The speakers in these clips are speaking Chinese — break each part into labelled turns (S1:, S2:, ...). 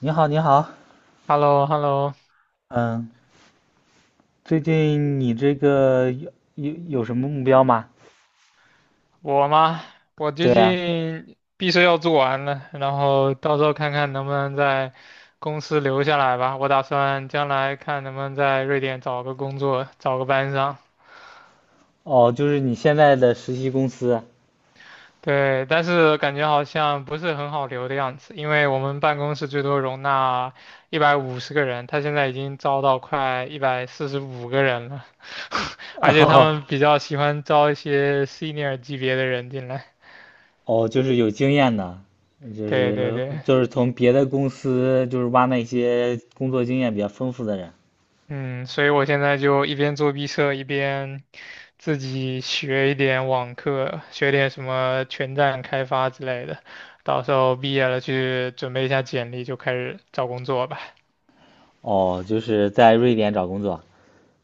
S1: 你好，你好。
S2: h e l l o h e l l o
S1: 嗯。最近你这个有什么目标吗？
S2: 我吗？我最
S1: 对啊。
S2: 近毕设要做完了，然后到时候看看能不能在公司留下来吧。我打算将来看能不能在瑞典找个工作，找个班上。
S1: 哦，就是你现在的实习公司。
S2: 对，但是感觉好像不是很好留的样子，因为我们办公室最多容纳150个人，他现在已经招到快145个人了，而 且他
S1: 哦。
S2: 们比较喜欢招一些 senior 级别的人进来。
S1: 哦，就是有经验的。就
S2: 对
S1: 是
S2: 对对。
S1: 就是从别的公司就是挖那些工作经验比较丰富的人。
S2: 嗯，所以我现在就一边做毕设，一边自己学一点网课，学点什么全站开发之类的。到时候毕业了去准备一下简历，就开始找工作吧。
S1: 哦，就是在瑞典找工作。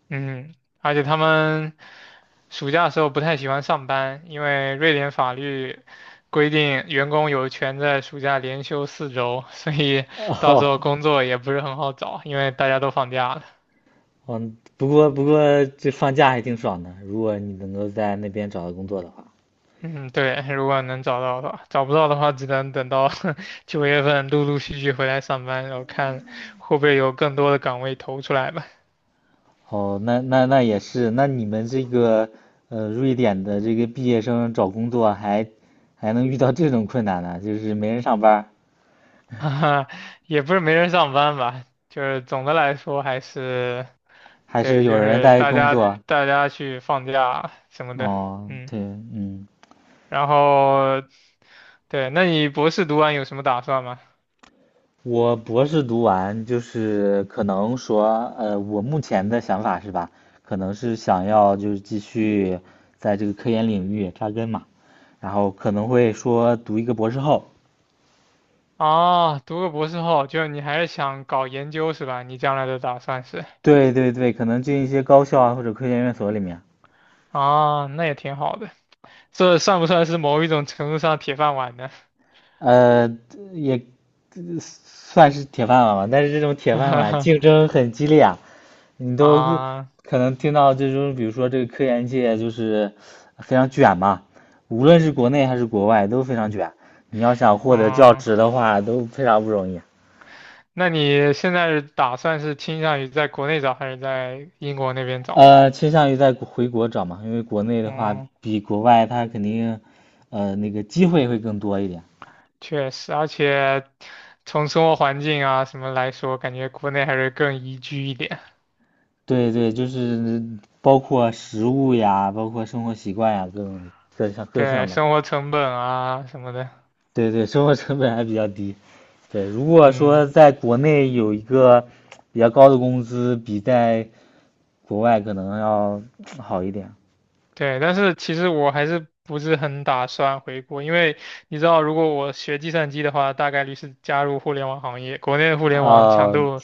S2: 嗯，而且他们暑假的时候不太喜欢上班，因为瑞典法律规定员工有权在暑假连休4周，所以 到时
S1: 哦。
S2: 候工作也不是很好找，因为大家都放假了。
S1: 嗯，不过这放假还挺爽的，如果你能够在那边找到工作的话。
S2: 嗯，对，如果能找到的话，找不到的话，只能等到 9月份陆陆续续回来上班，然后看会不会有更多的岗位投出来吧。
S1: 哦，那也是。那你们这个瑞典的这个毕业生找工作还能遇到这种困难呢？就是没人上班儿
S2: 哈哈，也不是没人上班吧，就是总的来说还是，
S1: 还是
S2: 对，
S1: 有
S2: 就
S1: 人
S2: 是
S1: 在
S2: 大
S1: 工
S2: 家
S1: 作？
S2: 大家去放假什么的，
S1: 哦，
S2: 嗯，
S1: 对。嗯。
S2: 然后对，那你博士读完有什么打算吗？
S1: 我博士读完就是可能说，我目前的想法是吧，可能是想要就是继续在这个科研领域扎根嘛，然后可能会说读一个博士后。
S2: 啊，读个博士后，就是你还是想搞研究是吧？你将来的打算是？
S1: 对对对，可能进一些高校啊或者科研院所里面。
S2: 啊，那也挺好的。这算不算是某一种程度上铁饭碗呢？
S1: 呃，也算是铁饭碗吧，但是这种铁饭碗 竞争很激烈啊，你都
S2: 啊，
S1: 可能听到这种，比如说这个科研界就是非常卷嘛，无论是国内还是国外都非常卷。你要想获得教
S2: 嗯，
S1: 职的话，都非常不容易。
S2: 那你现在是打算是倾向于在国内找还是在英国那边找呢？
S1: 倾向于回国找嘛，因为国内的话
S2: 嗯，
S1: 比国外它肯定，机会会更多一点。
S2: 确实，而且从生活环境啊什么来说，感觉国内还是更宜居一点。
S1: 对对，就是包括食物呀，包括生活习惯呀，各种各项
S2: 对，
S1: 的。
S2: 生活成本啊什么的，
S1: 对对，生活成本还比较低。对，如果
S2: 嗯，
S1: 说在国内有一个比较高的工资，比在国外可能要好一点。
S2: 对，但是其实我还是不是很打算回国，因为你知道，如果我学计算机的话，大概率是加入互联网行业。国内的互联网强
S1: 哦，
S2: 度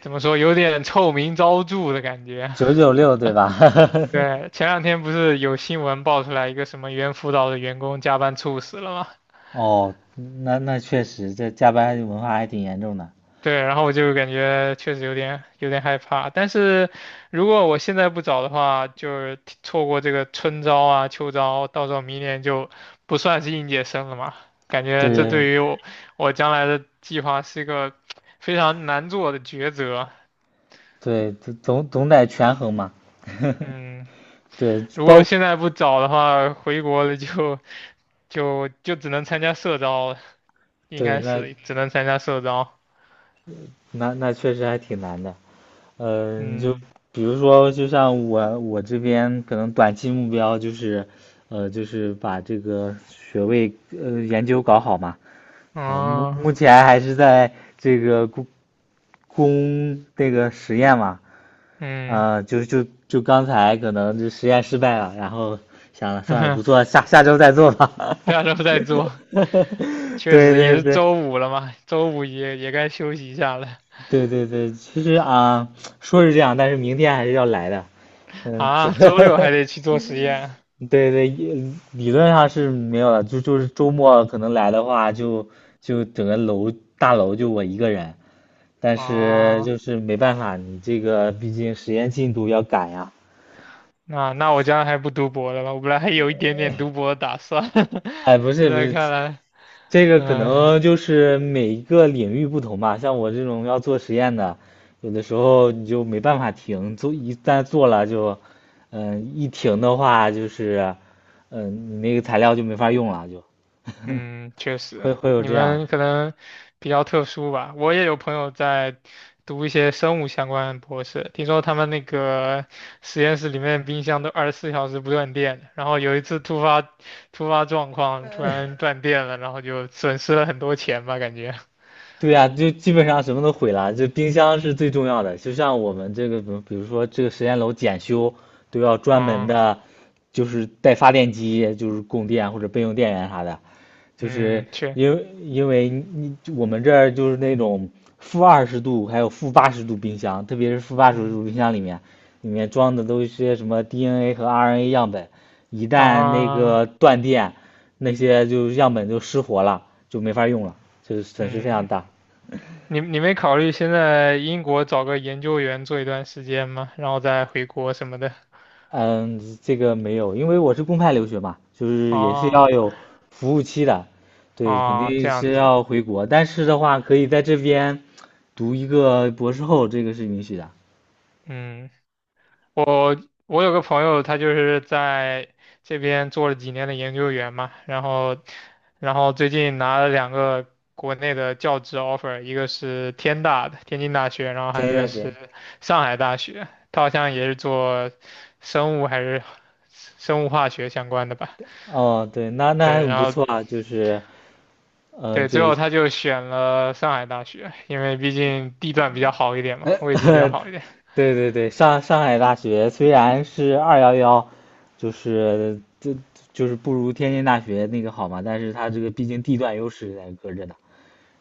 S2: 怎么说，有点臭名昭著的感觉。
S1: 九九六对吧？
S2: 对，前两天不是有新闻爆出来一个什么猿辅导的员工加班猝死了吗？
S1: 哦，那确实，这加班文化还挺严重的。
S2: 对，然后我就感觉确实有点害怕，但是如果我现在不找的话，就是提错过这个春招啊、秋招，到时候明年就不算是应届生了嘛。感觉这对
S1: 对
S2: 于我将来的计划是一个非常难做的抉择。
S1: 对，总得权衡嘛。
S2: 嗯，
S1: 对，
S2: 如果现在不找的话，回国了就只能参加社招了应
S1: 对，
S2: 该
S1: 那
S2: 是只能参加社招。
S1: 那那确实还挺难的。嗯，就
S2: 嗯，
S1: 比如说，就像我这边可能短期目标就是，就是把这个学位研究搞好嘛。啊，目
S2: 哦，
S1: 目前还是在这个攻这个实验嘛。
S2: 嗯，
S1: 啊，就刚才可能就实验失败了，然后想了算了，不做，下下周再做吧。
S2: 下周再做。确
S1: 对
S2: 实也
S1: 对
S2: 是
S1: 对
S2: 周五了嘛，周五也该休息一下了
S1: 对对对，其实啊，说是这样，但是明天还是要来的。嗯，是。
S2: 啊，周六 还得去做实验
S1: 对对，也理论上是没有了，就是周末可能来的话就，就整个楼大楼就我一个人，但是
S2: 啊，
S1: 就是没办法，你这个毕竟实验进度要赶呀。
S2: 那我将来还不读博了吧？我本来还有一点点读博的打算，
S1: 哎，不
S2: 现
S1: 是不
S2: 在
S1: 是，
S2: 看来，
S1: 这个可
S2: 嗯、
S1: 能就是每一个领域不同吧，像我这种要做实验的，有的时候你就没办法停，一旦做了就，一停的话就是，嗯，你那个材料就没法用了，就
S2: 嗯，确实，
S1: 会有
S2: 你
S1: 这样。
S2: 们可能比较特殊吧。我也有朋友在读一些生物相关的博士，听说他们那个实验室里面冰箱都24小时不断电的然后有一次突发状况，突然断电了，然后就损失了很多钱吧，感觉。
S1: 对呀，就基本上什么都毁了，就冰箱是最重要的。就像我们这个，比如说这个实验楼检修，都要专门
S2: 嗯
S1: 的，就是带发电机，就是供电或者备用电源啥的。就是
S2: 嗯，确，
S1: 因为我们这儿就是那种-20度还有负八十度冰箱，特别是负八十
S2: 嗯
S1: 度冰箱里面，里面装的都是些什么 DNA 和 RNA 样本，一旦那
S2: 啊，
S1: 个断电。那些就样本就失活了，就没法用了，就是损失非常
S2: 嗯，
S1: 大。
S2: 你没考虑先在英国找个研究员做一段时间吗？然后再回国什么的？
S1: 嗯，这个没有，因为我是公派留学嘛，就是也是
S2: 哦
S1: 要有服务期的，对，肯
S2: 哦，这
S1: 定
S2: 样
S1: 是
S2: 子。
S1: 要回国，但是的话可以在这边读一个博士后，这个是允许的。
S2: 嗯，我我有个朋友，他就是在这边做了几年的研究员嘛，然后最近拿了两个国内的教职 offer，一个是天大的天津大学，然后还
S1: 前
S2: 有
S1: 一
S2: 一个
S1: 段时
S2: 是
S1: 间。
S2: 上海大学，他好像也是做生物还是生物化学相关的吧，
S1: 哦，对，那还
S2: 对，
S1: 很
S2: 然
S1: 不
S2: 后
S1: 错啊，就是，嗯、
S2: 对，最
S1: 对。
S2: 后他就选了上海大学，因为毕竟地段比较好一点嘛，位置比较 好一点，
S1: 对对对，上海大学虽然是211，就是就就是不如天津大学那个好嘛，但是它这个毕竟地段优势在搁着呢，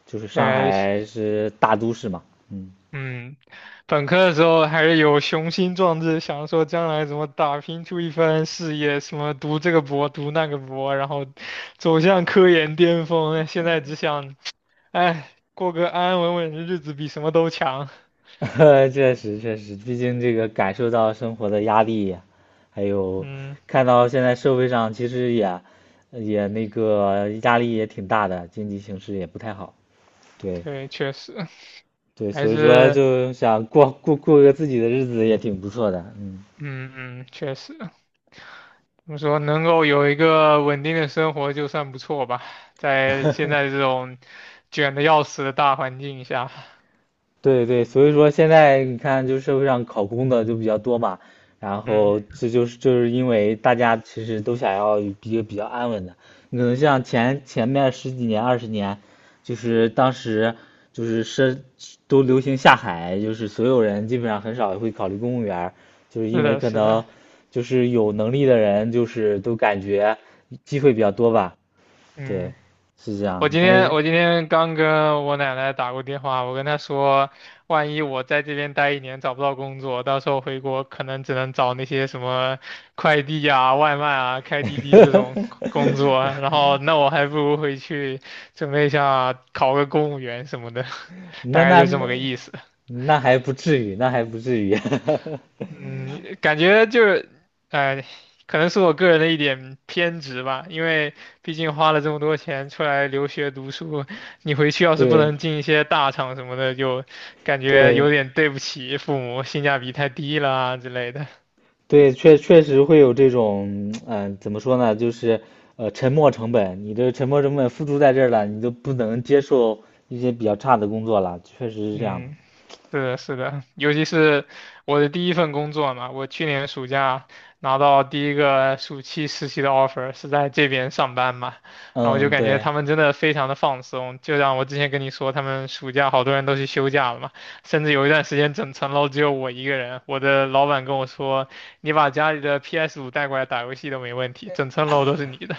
S1: 就是上
S2: 对，
S1: 海是大都市嘛。嗯。
S2: 嗯，本科的时候还是有雄心壮志，想说将来怎么打拼出一番事业，什么读这个博，读那个博，然后走向科研巅峰。现在只想，哎，过个安安稳稳的日子比什么都强。
S1: 确实确实，毕竟这个感受到生活的压力，还有
S2: 嗯，
S1: 看到现在社会上其实也那个压力也挺大的，经济形势也不太好。对，
S2: 对，确实
S1: 对，
S2: 还
S1: 所以说
S2: 是，
S1: 就想过个自己的日子也挺不错的。嗯，
S2: 嗯嗯，确实，怎么说，能够有一个稳定的生活就算不错吧，在现在这种卷的要死的大环境下，
S1: 对对，所以说现在你看，就社会上考公的就比较多嘛，然
S2: 嗯，
S1: 后这就是因为大家其实都想要一个比较安稳的。你可能像前面十几年20年，就是当时就是都流行下海，就是所有人基本上很少会考虑公务员儿，就是
S2: 是
S1: 因为
S2: 的，
S1: 可
S2: 是
S1: 能
S2: 的。
S1: 就是有能力的人就是都感觉机会比较多吧。对，
S2: 嗯。
S1: 是这
S2: 我
S1: 样，
S2: 今
S1: 但是。
S2: 天我今天刚跟我奶奶打过电话，我跟她说，万一我在这边待一年找不到工作，到时候回国可能只能找那些什么快递啊、外卖啊、开滴滴这种 工作，然后那我还不如回去准备一下考个公务员什么的，大
S1: 那
S2: 概
S1: 那
S2: 就这么
S1: 那
S2: 个意思。
S1: 那还不至于，那还不至于。
S2: 嗯，感觉就是，哎、可能是我个人的一点偏执吧，因为毕竟花了这么多钱出来留学读书，你回去要是不
S1: 对
S2: 能进一些大厂什么的，就感觉
S1: 对
S2: 有点对不起父母，性价比太低了啊之类的。
S1: 对，确实会有这种，嗯、怎么说呢，就是沉没成本，你这沉没成本付出在这儿了，你就不能接受一些比较差的工作了，确实是这样的。
S2: 嗯。是的，是的，尤其是我的第一份工作嘛，我去年暑假拿到第一个暑期实习的 offer，是在这边上班嘛，然后我就
S1: 嗯，
S2: 感觉
S1: 对，
S2: 他们真的非常的放松，就像我之前跟你说，他们暑假好多人都去休假了嘛，甚至有一段时间整层楼只有我一个人，我的老板跟我说，你把家里的 PS5带过来打游戏都没问题，整层楼都是你的，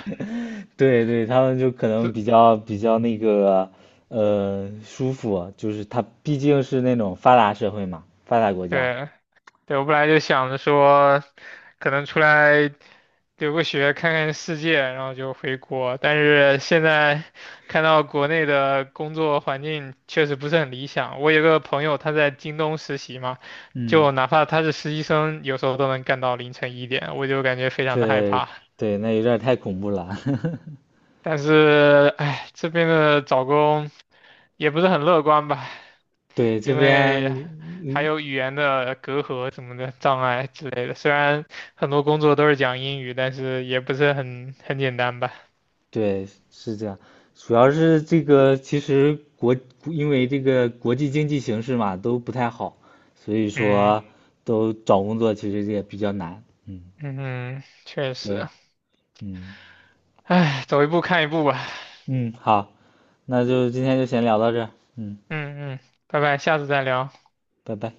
S1: 对对，他们就可能
S2: 是，
S1: 比较舒服，就是他毕竟是那种发达社会嘛，发达国 家。
S2: 对。对，我本来就想着说，可能出来留个学，看看世界，然后就回国。但是现在看到国内的工作环境确实不是很理想。我有个朋友，他在京东实习嘛，
S1: 嗯，
S2: 就哪怕他是实习生，有时候都能干到凌晨1点，我就感觉非常的害
S1: 对
S2: 怕。
S1: 对，那有点儿太恐怖了。
S2: 但是，哎，这边的找工也不是很乐观吧，
S1: 对，这
S2: 因
S1: 边，
S2: 为还
S1: 嗯，
S2: 有语言的隔阂什么的障碍之类的。虽然很多工作都是讲英语，但是也不是很简单吧。
S1: 对，是这样。主要是这个，其实国，因为这个国际经济形势嘛，都不太好，所以
S2: 嗯
S1: 说都找工作其实也比较难。嗯，
S2: 嗯，嗯，确实，
S1: 对，嗯
S2: 唉，走一步看一步吧。
S1: 嗯，好，那就今天就先聊到这儿。嗯，
S2: 嗯嗯，拜拜，下次再聊。
S1: 拜拜。